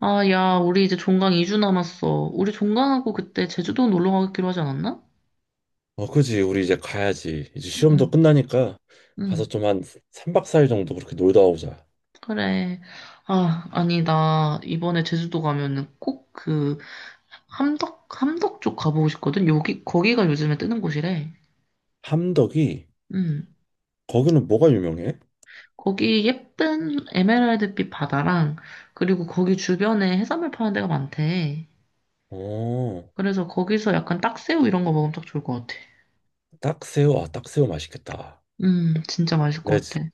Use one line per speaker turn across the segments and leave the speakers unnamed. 아, 야, 우리 이제 종강 2주 남았어. 우리 종강하고 그때 제주도 놀러 가기로 하지 않았나?
어, 그지. 우리 이제 가야지. 이제 시험도
응,
끝나니까
응,
가서 좀 한 3박 4일 정도 그렇게 놀다 오자.
그래. 아, 아니, 나 이번에 제주도 가면은 꼭 그, 함덕 쪽 가보고 싶거든? 거기가 요즘에 뜨는 곳이래.
함덕이
응.
거기는 뭐가 유명해?
거기 예쁜 에메랄드빛 바다랑, 그리고 거기 주변에 해산물 파는 데가 많대.
어,
그래서 거기서 약간 딱새우 이런 거 먹으면 딱 좋을 것 같아.
딱새우. 아, 딱새우 맛있겠다.
진짜 맛있을
네,
것 같아.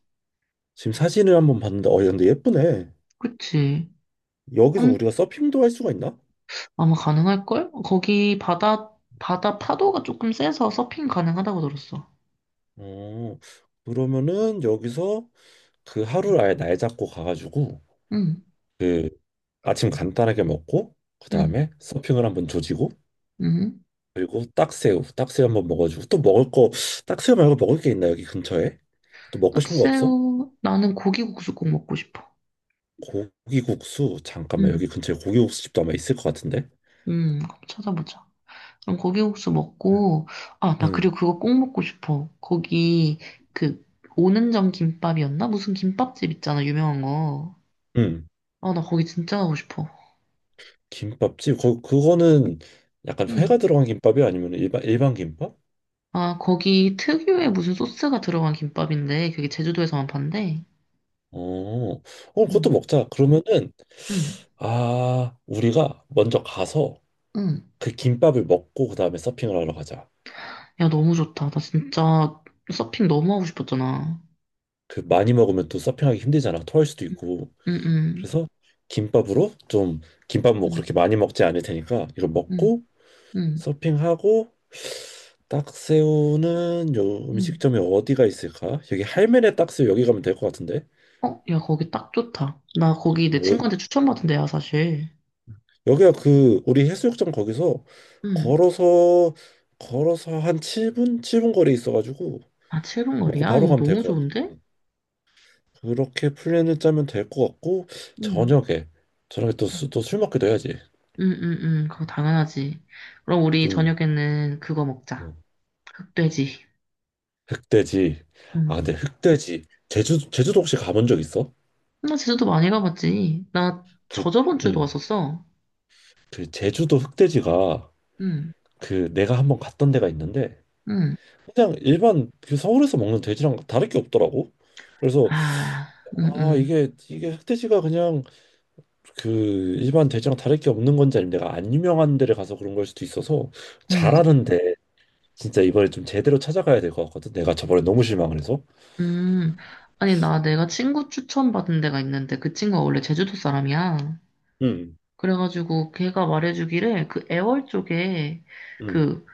지금 사진을 한번 봤는데 근데 예쁘네.
그치?
여기서 우리가 서핑도 할 수가 있나?
아마 가능할걸? 거기 바다 파도가 조금 세서 서핑 가능하다고 들었어.
어, 그러면은 여기서 그 하루를 아예 날 잡고 가가지고
응,
그 아침 간단하게 먹고
응,
그다음에 서핑을 한번 조지고
응.
그리고 딱새우, 딱새우 한번 먹어주고 또 먹을 거, 딱새우 말고 먹을 게 있나 여기 근처에? 또 먹고 싶은 거 없어?
딱새우, 나는 고기국수 꼭 먹고 싶어.
고기국수 잠깐만
응,
여기 근처에 고기국수집도 아마 있을 것 같은데?
응, 그럼 찾아보자. 그럼 고기국수 먹고, 아, 나
응,
그리고 그거 꼭 먹고 싶어. 거기, 그, 오는정 김밥이었나? 무슨 김밥집 있잖아, 유명한 거.
응.
아, 나 거기 진짜 가고 싶어.
김밥집 그거는 약간
응.
회가 들어간 김밥이 아니면 일반 김밥?
아, 거기 특유의 무슨 소스가 들어간 김밥인데, 그게 제주도에서만 판대.
어, 어, 그것도
응,
먹자. 그러면은
응,
우리가 먼저 가서
응.
그 김밥을 먹고 그 다음에 서핑을 하러 가자.
야, 너무 좋다. 나 진짜 서핑 너무 하고 싶었잖아.
그 많이 먹으면 또 서핑하기 힘들잖아. 토할 수도
응,
있고.
응,
그래서 김밥으로 좀 김밥 뭐
응,
그렇게 많이 먹지 않을 테니까 이거
응,
먹고
응,
서핑하고 딱새우는 요
응.
음식점이 어디가 있을까? 여기 할매네 딱새우 여기 가면 될 것 같은데.
어, 야, 거기 딱 좋다. 나 거기 내
어,
친구한테 추천받은 데야, 사실.
여기가 그 우리 해수욕장 거기서
응.
걸어서 걸어서 한 7분 거리에 있어가지고
아, 7분
먹고
거리야?
바로
야,
가면 될
너무
것 같아.
좋은데?
응. 그렇게 플랜을 짜면 될 것 같고
응,
저녁에 저녁에 또 술 먹기도 해야지.
응, 응, 응. 그거 당연하지. 그럼 우리
좀.
저녁에는 그거
응.
먹자. 흑돼지.
흑돼지. 아,
응.
근데 흑돼지. 제주도 혹시 가본 적 있어?
나 제주도 많이 가봤지. 나
그,
저저번 주에도
음,
왔었어.
그 제주도 흑돼지가
응,
그 내가 한번 갔던 데가 있는데
응.
그냥 일반 그 서울에서 먹는 돼지랑 다를 게 없더라고. 그래서
아, 응,
아,
응,
이게 흑돼지가 그냥 그 일반 돼지랑 다를 게 없는 건지 아니면 내가 안 유명한 데를 가서 그런 걸 수도 있어서
응.
잘하는데 진짜 이번에 좀 제대로 찾아가야 될 것 같거든. 내가 저번에 너무 실망을 해서.
음, 아니, 나 내가 친구 추천받은 데가 있는데 그 친구가 원래 제주도 사람이야.
음,
그래가지고 걔가 말해주기를 그 애월 쪽에
음,
그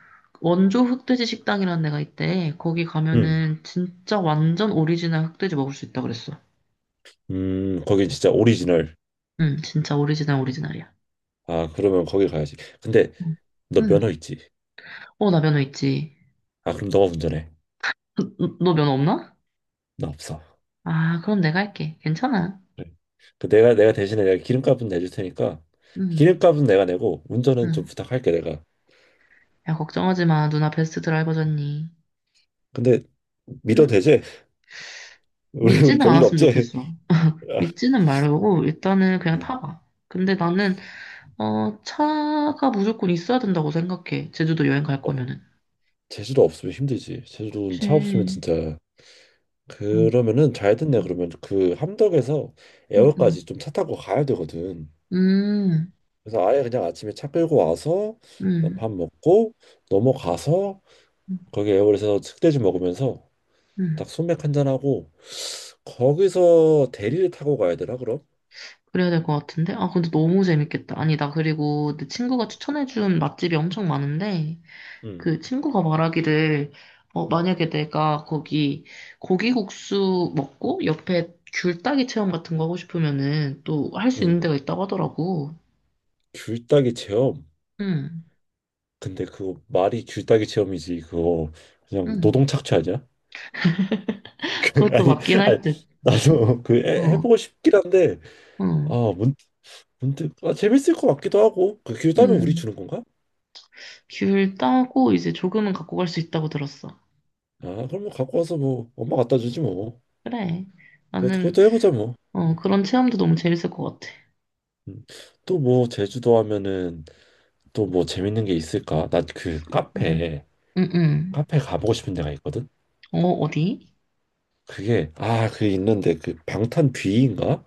원조 흑돼지 식당이라는 데가 있대. 거기
음.
가면은 진짜 완전 오리지널 흑돼지 먹을 수 있다 그랬어.
거긴 진짜 오리지널.
응, 진짜 오리지널 오리지널이야.
아, 그러면 거기 가야지. 근데
응,
너
응.
면허 있지?
어, 나 면허 있지.
아, 그럼 너가 운전해.
너 면허 없나?
나 없어.
아, 그럼 내가 할게. 괜찮아.
그래. 그 내가 대신에 내가 기름값은 내줄 테니까
응,
기름값은 내가 내고 운전은 좀
응.
부탁할게 내가.
야, 걱정하지 마. 누나 베스트 드라이버잖니.
근데 믿어도
응?
되지? 우리
믿지는
별일
않았으면
없지?
좋겠어.
아,
믿지는 말고 일단은 그냥
응.
타봐. 근데 나는 어 차가 무조건 있어야 된다고 생각해. 제주도 여행 갈
어,
거면은.
제주도 없으면 힘들지. 제주도는 차 없으면
그치.
진짜.
어.
그러면은 잘 됐네. 그러면 그 함덕에서
음,
애월까지
음,
좀 차 타고 가야 되거든.
음,
그래서 아예 그냥 아침에 차 끌고 와서 밥
음,
먹고 넘어가서
음.
거기 에어홀에서 흑돼지 먹으면서
음.
딱 소맥 한 잔하고 거기서 대리를 타고 가야 되나 그럼?
그래야 될 것 같은데? 아, 근데 너무 재밌겠다. 아니, 나 그리고 내 친구가 추천해준 맛집이 엄청 많은데,
응.
그 친구가 말하기를, 어,
응.
만약에 내가 거기 고기국수 먹고 옆에 귤따기 체험 같은 거 하고 싶으면은 또 할 수
응.
있는 데가 있다고 하더라고.
귤따기 체험.
응,
근데 그거 말이 귤따기 체험이지 그거 그냥
응.
노동 착취 아니야? 그,
그것도
아니
맞긴 할 듯.
아니 나도 그
어,
해보고 싶긴 한데
응,
아 문, 문득 아, 재밌을 것 같기도 하고 그 귤 따면 우리
응.
주는 건가?
귤 따고 이제 조금은 갖고 갈 수 있다고 들었어.
아, 그럼 뭐 갖고 와서 뭐 엄마 갖다 주지 뭐
그래.
그것도,
나는,
그것도 해보자 뭐.
어, 그런 체험도 너무 재밌을 것 같아.
음. 또뭐 제주도 하면은 또 뭐 재밌는 게 있을까? 나 그
응,
카페
응, 응.
카페 가보고 싶은 데가 있거든.
어, 어디?
그게 그 있는데 그 방탄 뷔인가?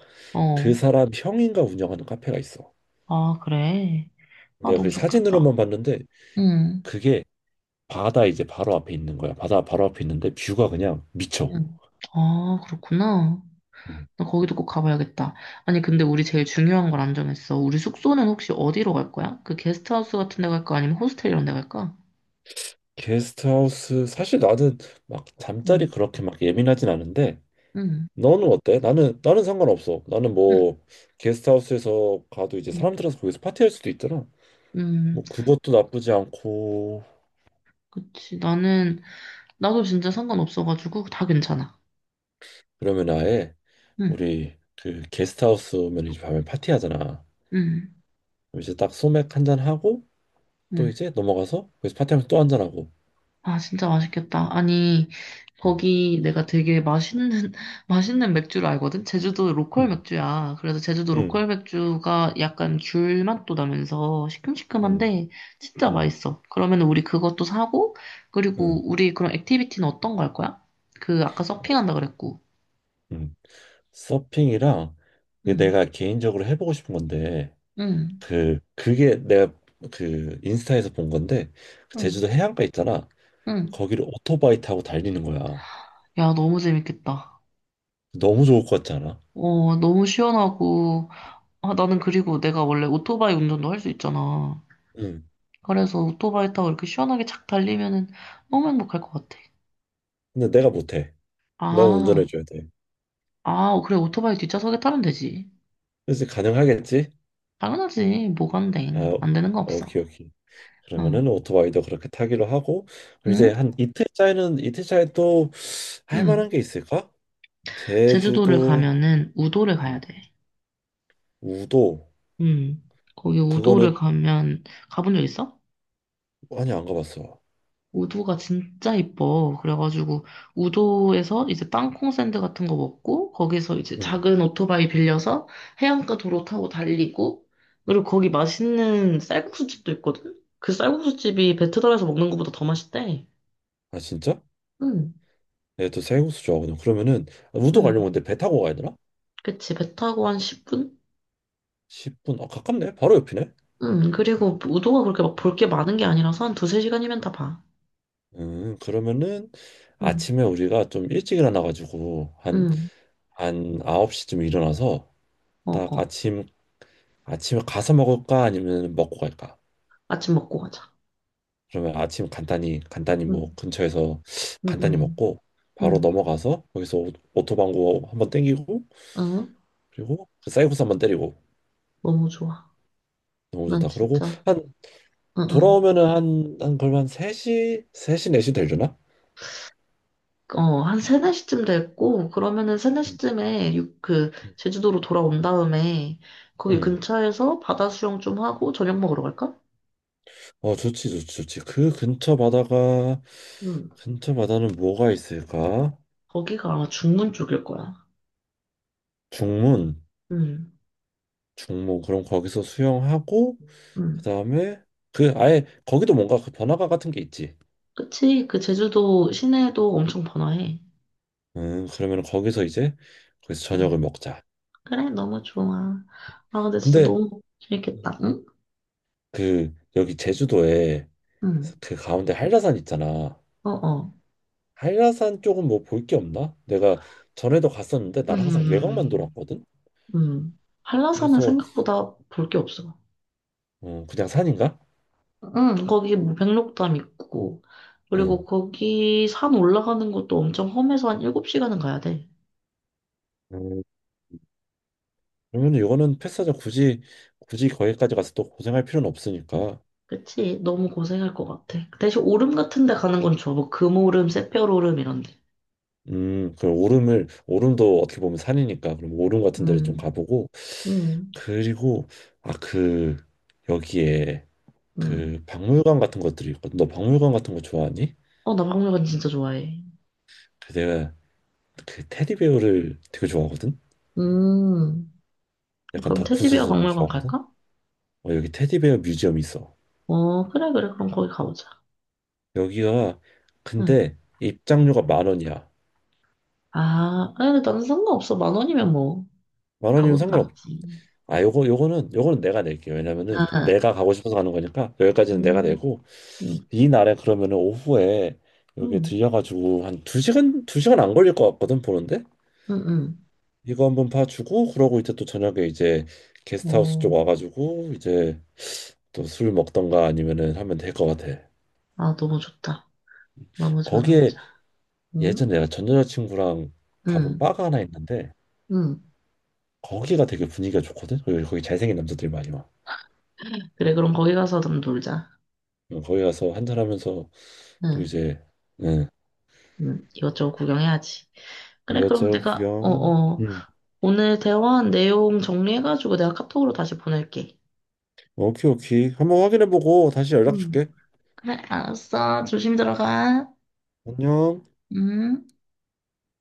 그
어,
사람 형인가 운영하는 카페가 있어.
아, 그래. 아,
내가
너무
그
좋겠다.
사진으로만 봤는데
응,
그게 바다 이제 바로 앞에 있는 거야. 바다 바로 앞에 있는데 뷰가 그냥 미쳐.
응. 아, 그렇구나.
음.
나 거기도 꼭 가봐야겠다. 아니, 근데 우리 제일 중요한 걸 안 정했어. 우리 숙소는 혹시 어디로 갈 거야? 그 게스트하우스 같은 데 갈까? 아니면 호스텔 이런 데 갈까?
게스트하우스 사실 나는 막 잠자리
응,
그렇게 막 예민하진 않은데
응,
너는 어때? 나는 나는 상관없어. 나는
응.
뭐 게스트하우스에서 가도 이제
응.
사람 들어서 거기서 파티할 수도 있잖아.
음,
뭐 그것도 나쁘지 않고
그치. 나는, 나도 진짜 상관없어가지고 다 괜찮아.
그러면 아예
응,
우리 그 게스트하우스면 이제 밤에 파티하잖아.
응,
그럼 이제 딱 소맥 한 잔 하고 또
응.
이제 넘어가서 거기서 파티하면서 또 한 잔 하고.
아, 진짜 맛있겠다. 아니,
응,
거기 내가 되게 맛있는, 맛있는 맥주를 알거든? 제주도 로컬
응,
맥주야. 그래서 제주도
응,
로컬 맥주가 약간 귤 맛도 나면서
응,
시큼시큼한데 진짜 맛있어. 그러면 우리 그것도 사고,
응,
그리고 우리 그런 액티비티는 어떤 거 할 거야? 그 아까 서핑한다 그랬고.
응. 서핑이랑 이게
응,
내가 개인적으로 해보고 싶은 건데
응,
그게 내가 그 인스타에서 본 건데 그
응,
제주도 해안가 있잖아.
응.
거기를 오토바이 타고 달리는 거야.
야, 너무 재밌겠다.
너무 좋을 것 같지 않아?
어, 너무 시원하고, 아, 나는 그리고 내가 원래 오토바이 운전도 할 수 있잖아.
응.
그래서 오토바이 타고 이렇게 시원하게 착 달리면은 너무 행복할 것 같아.
근데 내가 못해. 너가
아,
운전해줘야 돼.
아, 그래, 오토바이 뒷좌석에 타면 되지.
그래서 가능하겠지?
당연하지, 뭐가 안 돼.
아, 어,
안 되는 거 없어.
오케이, 오케이.
응,
그러면은 오토바이도 그렇게 타기로 하고 그럼 이제
응,
한 이틀 차에는 이틀 차에 또 할
응.
만한 게 있을까?
제주도를
제주도,
가면은 우도를 가야
음,
돼.
우도
응. 거기 우도를
그거는
가면, 가본 적 있어?
많이 안 가봤어.
우도가 진짜 이뻐. 그래가지고 우도에서 이제 땅콩 샌드 같은 거 먹고 거기서 이제
음.
작은 오토바이 빌려서 해안가 도로 타고 달리고 그리고 거기 맛있는 쌀국수집도 있거든. 그 쌀국수집이 배에서 먹는 것보다 더 맛있대.
아 진짜?
응,
내가 또 쌀국수 좋아하거든. 그러면은 아, 우도
응,
가려면 근데 배 타고 가야 되나?
그치. 배 타고 한 10분?
10분. 아, 가깝네. 바로 옆이네.
응, 그리고 우도가 그렇게 막
음,
볼 게 많은 게 아니라서 한 두세 시간이면 다 봐.
그러면은
응,
아침에 우리가 좀 일찍 일어나가지고 한,
응,
한 9시쯤 일어나서
어,
딱
어.
아침에 가서 먹을까 아니면 먹고 갈까?
아침 먹고 가자.
그러면 아침 간단히
응,
뭐 근처에서
응,
간단히
응,
먹고 바로
응,
넘어가서 거기서 오토방구 한번 땡기고
어,
그리고 그 쌀국수 한번 때리고
너무 좋아.
너무
난
좋다. 그러고
진짜
한
응, 응.
돌아오면은 한 걸만 한 3시 4시 되려나?
어, 한 세네 시쯤 됐고, 그러면은 세네
음,
시쯤에
음.
제주도로 돌아온 다음에, 거기
응.
근처에서 바다 수영 좀 하고 저녁 먹으러 갈까?
어, 좋지 좋지 좋지.
응.
근처 바다는 뭐가 있을까?
거기가 아마 중문 쪽일 거야.
중문
응,
중문 그럼 거기서 수영하고
응.
그다음에 그 아예 거기도 뭔가 그 번화가 같은 게 있지.
그치? 그 제주도 시내도 엄청 번화해.
그러면 거기서 이제 거기서
응.
저녁을 먹자.
그래, 너무 좋아. 아, 근데 진짜
근데
너무 재밌겠다. 응?
그 여기 제주도에
응.
그 가운데 한라산 있잖아.
어, 어.
한라산 쪽은 뭐 볼 게 없나? 내가 전에도 갔었는데 난 항상 외곽만
음,
돌았거든.
음. 한라산은
그래서
생각보다 볼 게 없어.
어, 그냥 산인가?
응, 거기 뭐 백록담 있고,
응.
그리고 거기 산 올라가는 것도 엄청 험해서 한 7시간은 가야 돼.
음, 그러면 이거는 패스하자. 굳이 거기까지 가서 또 고생할 필요는 없으니까.
그치? 너무 고생할 것 같아. 대신 오름 같은 데 가는 건 좋아. 뭐 금오름, 새별오름 이런 데.
그럼 오름을 오름도 어떻게 보면 산이니까 그럼 오름 같은 데를 좀
음,
가보고
음,
그리고 그 여기에
음.
그 박물관 같은 것들이 있거든. 너 박물관 같은 거 좋아하니?
어, 나 박물관 진짜 좋아해.
그 내가 그 테디베어를 되게 좋아하거든.
음,
약간
그럼
덕후
테디베어
수준으로
박물관
좋아하거든.
갈까?
어, 여기 테디베어 뮤지엄이 있어.
어, 그래, 그래. 그럼 거기 가보자.
여기가
응.
근데 입장료가 만 원이야.
아, 아니, 근데 나는 상관없어. 만 원이면 뭐,
만 원이면
가고도
상관없.
남지.
아, 요거는 내가 낼게. 요 왜냐면은
아,
내가 가고 싶어서 가는 거니까 여기까지는 내가
음,
내고
음,
이날에 그러면은 오후에 여기
음,
들려가지고 한 두 시간 안 걸릴 것 같거든 보는데
음, 음.
이거 한번 봐주고 그러고 이제 또 저녁에 이제 게스트하우스 쪽
어,
와가지고 이제 또 술 먹던가 아니면은 하면 될 것 같아.
아, 너무 좋다. 너무 좋아, 너무
거기에
좋아. 응?
예전에 내가 전 여자친구랑 가본
응,
바가 하나 있는데
응.
거기가 되게 분위기가 좋거든. 거기 잘생긴 남자들이 많이 와.
그래, 그럼 거기 가서 좀 놀자.
어, 거기 가서 한잔하면서 또
응,
이제 응.
응. 이것저것 구경해야지. 그래, 그럼
이것저것
내가, 어,
구경.
어.
응.
오늘 대화한 내용 정리해가지고 내가 카톡으로 다시 보낼게.
오케이, 오케이, 한번 확인해보고 다시 연락
응.
줄게.
그래, 알았어. 조심히 들어가.
안녕.
응?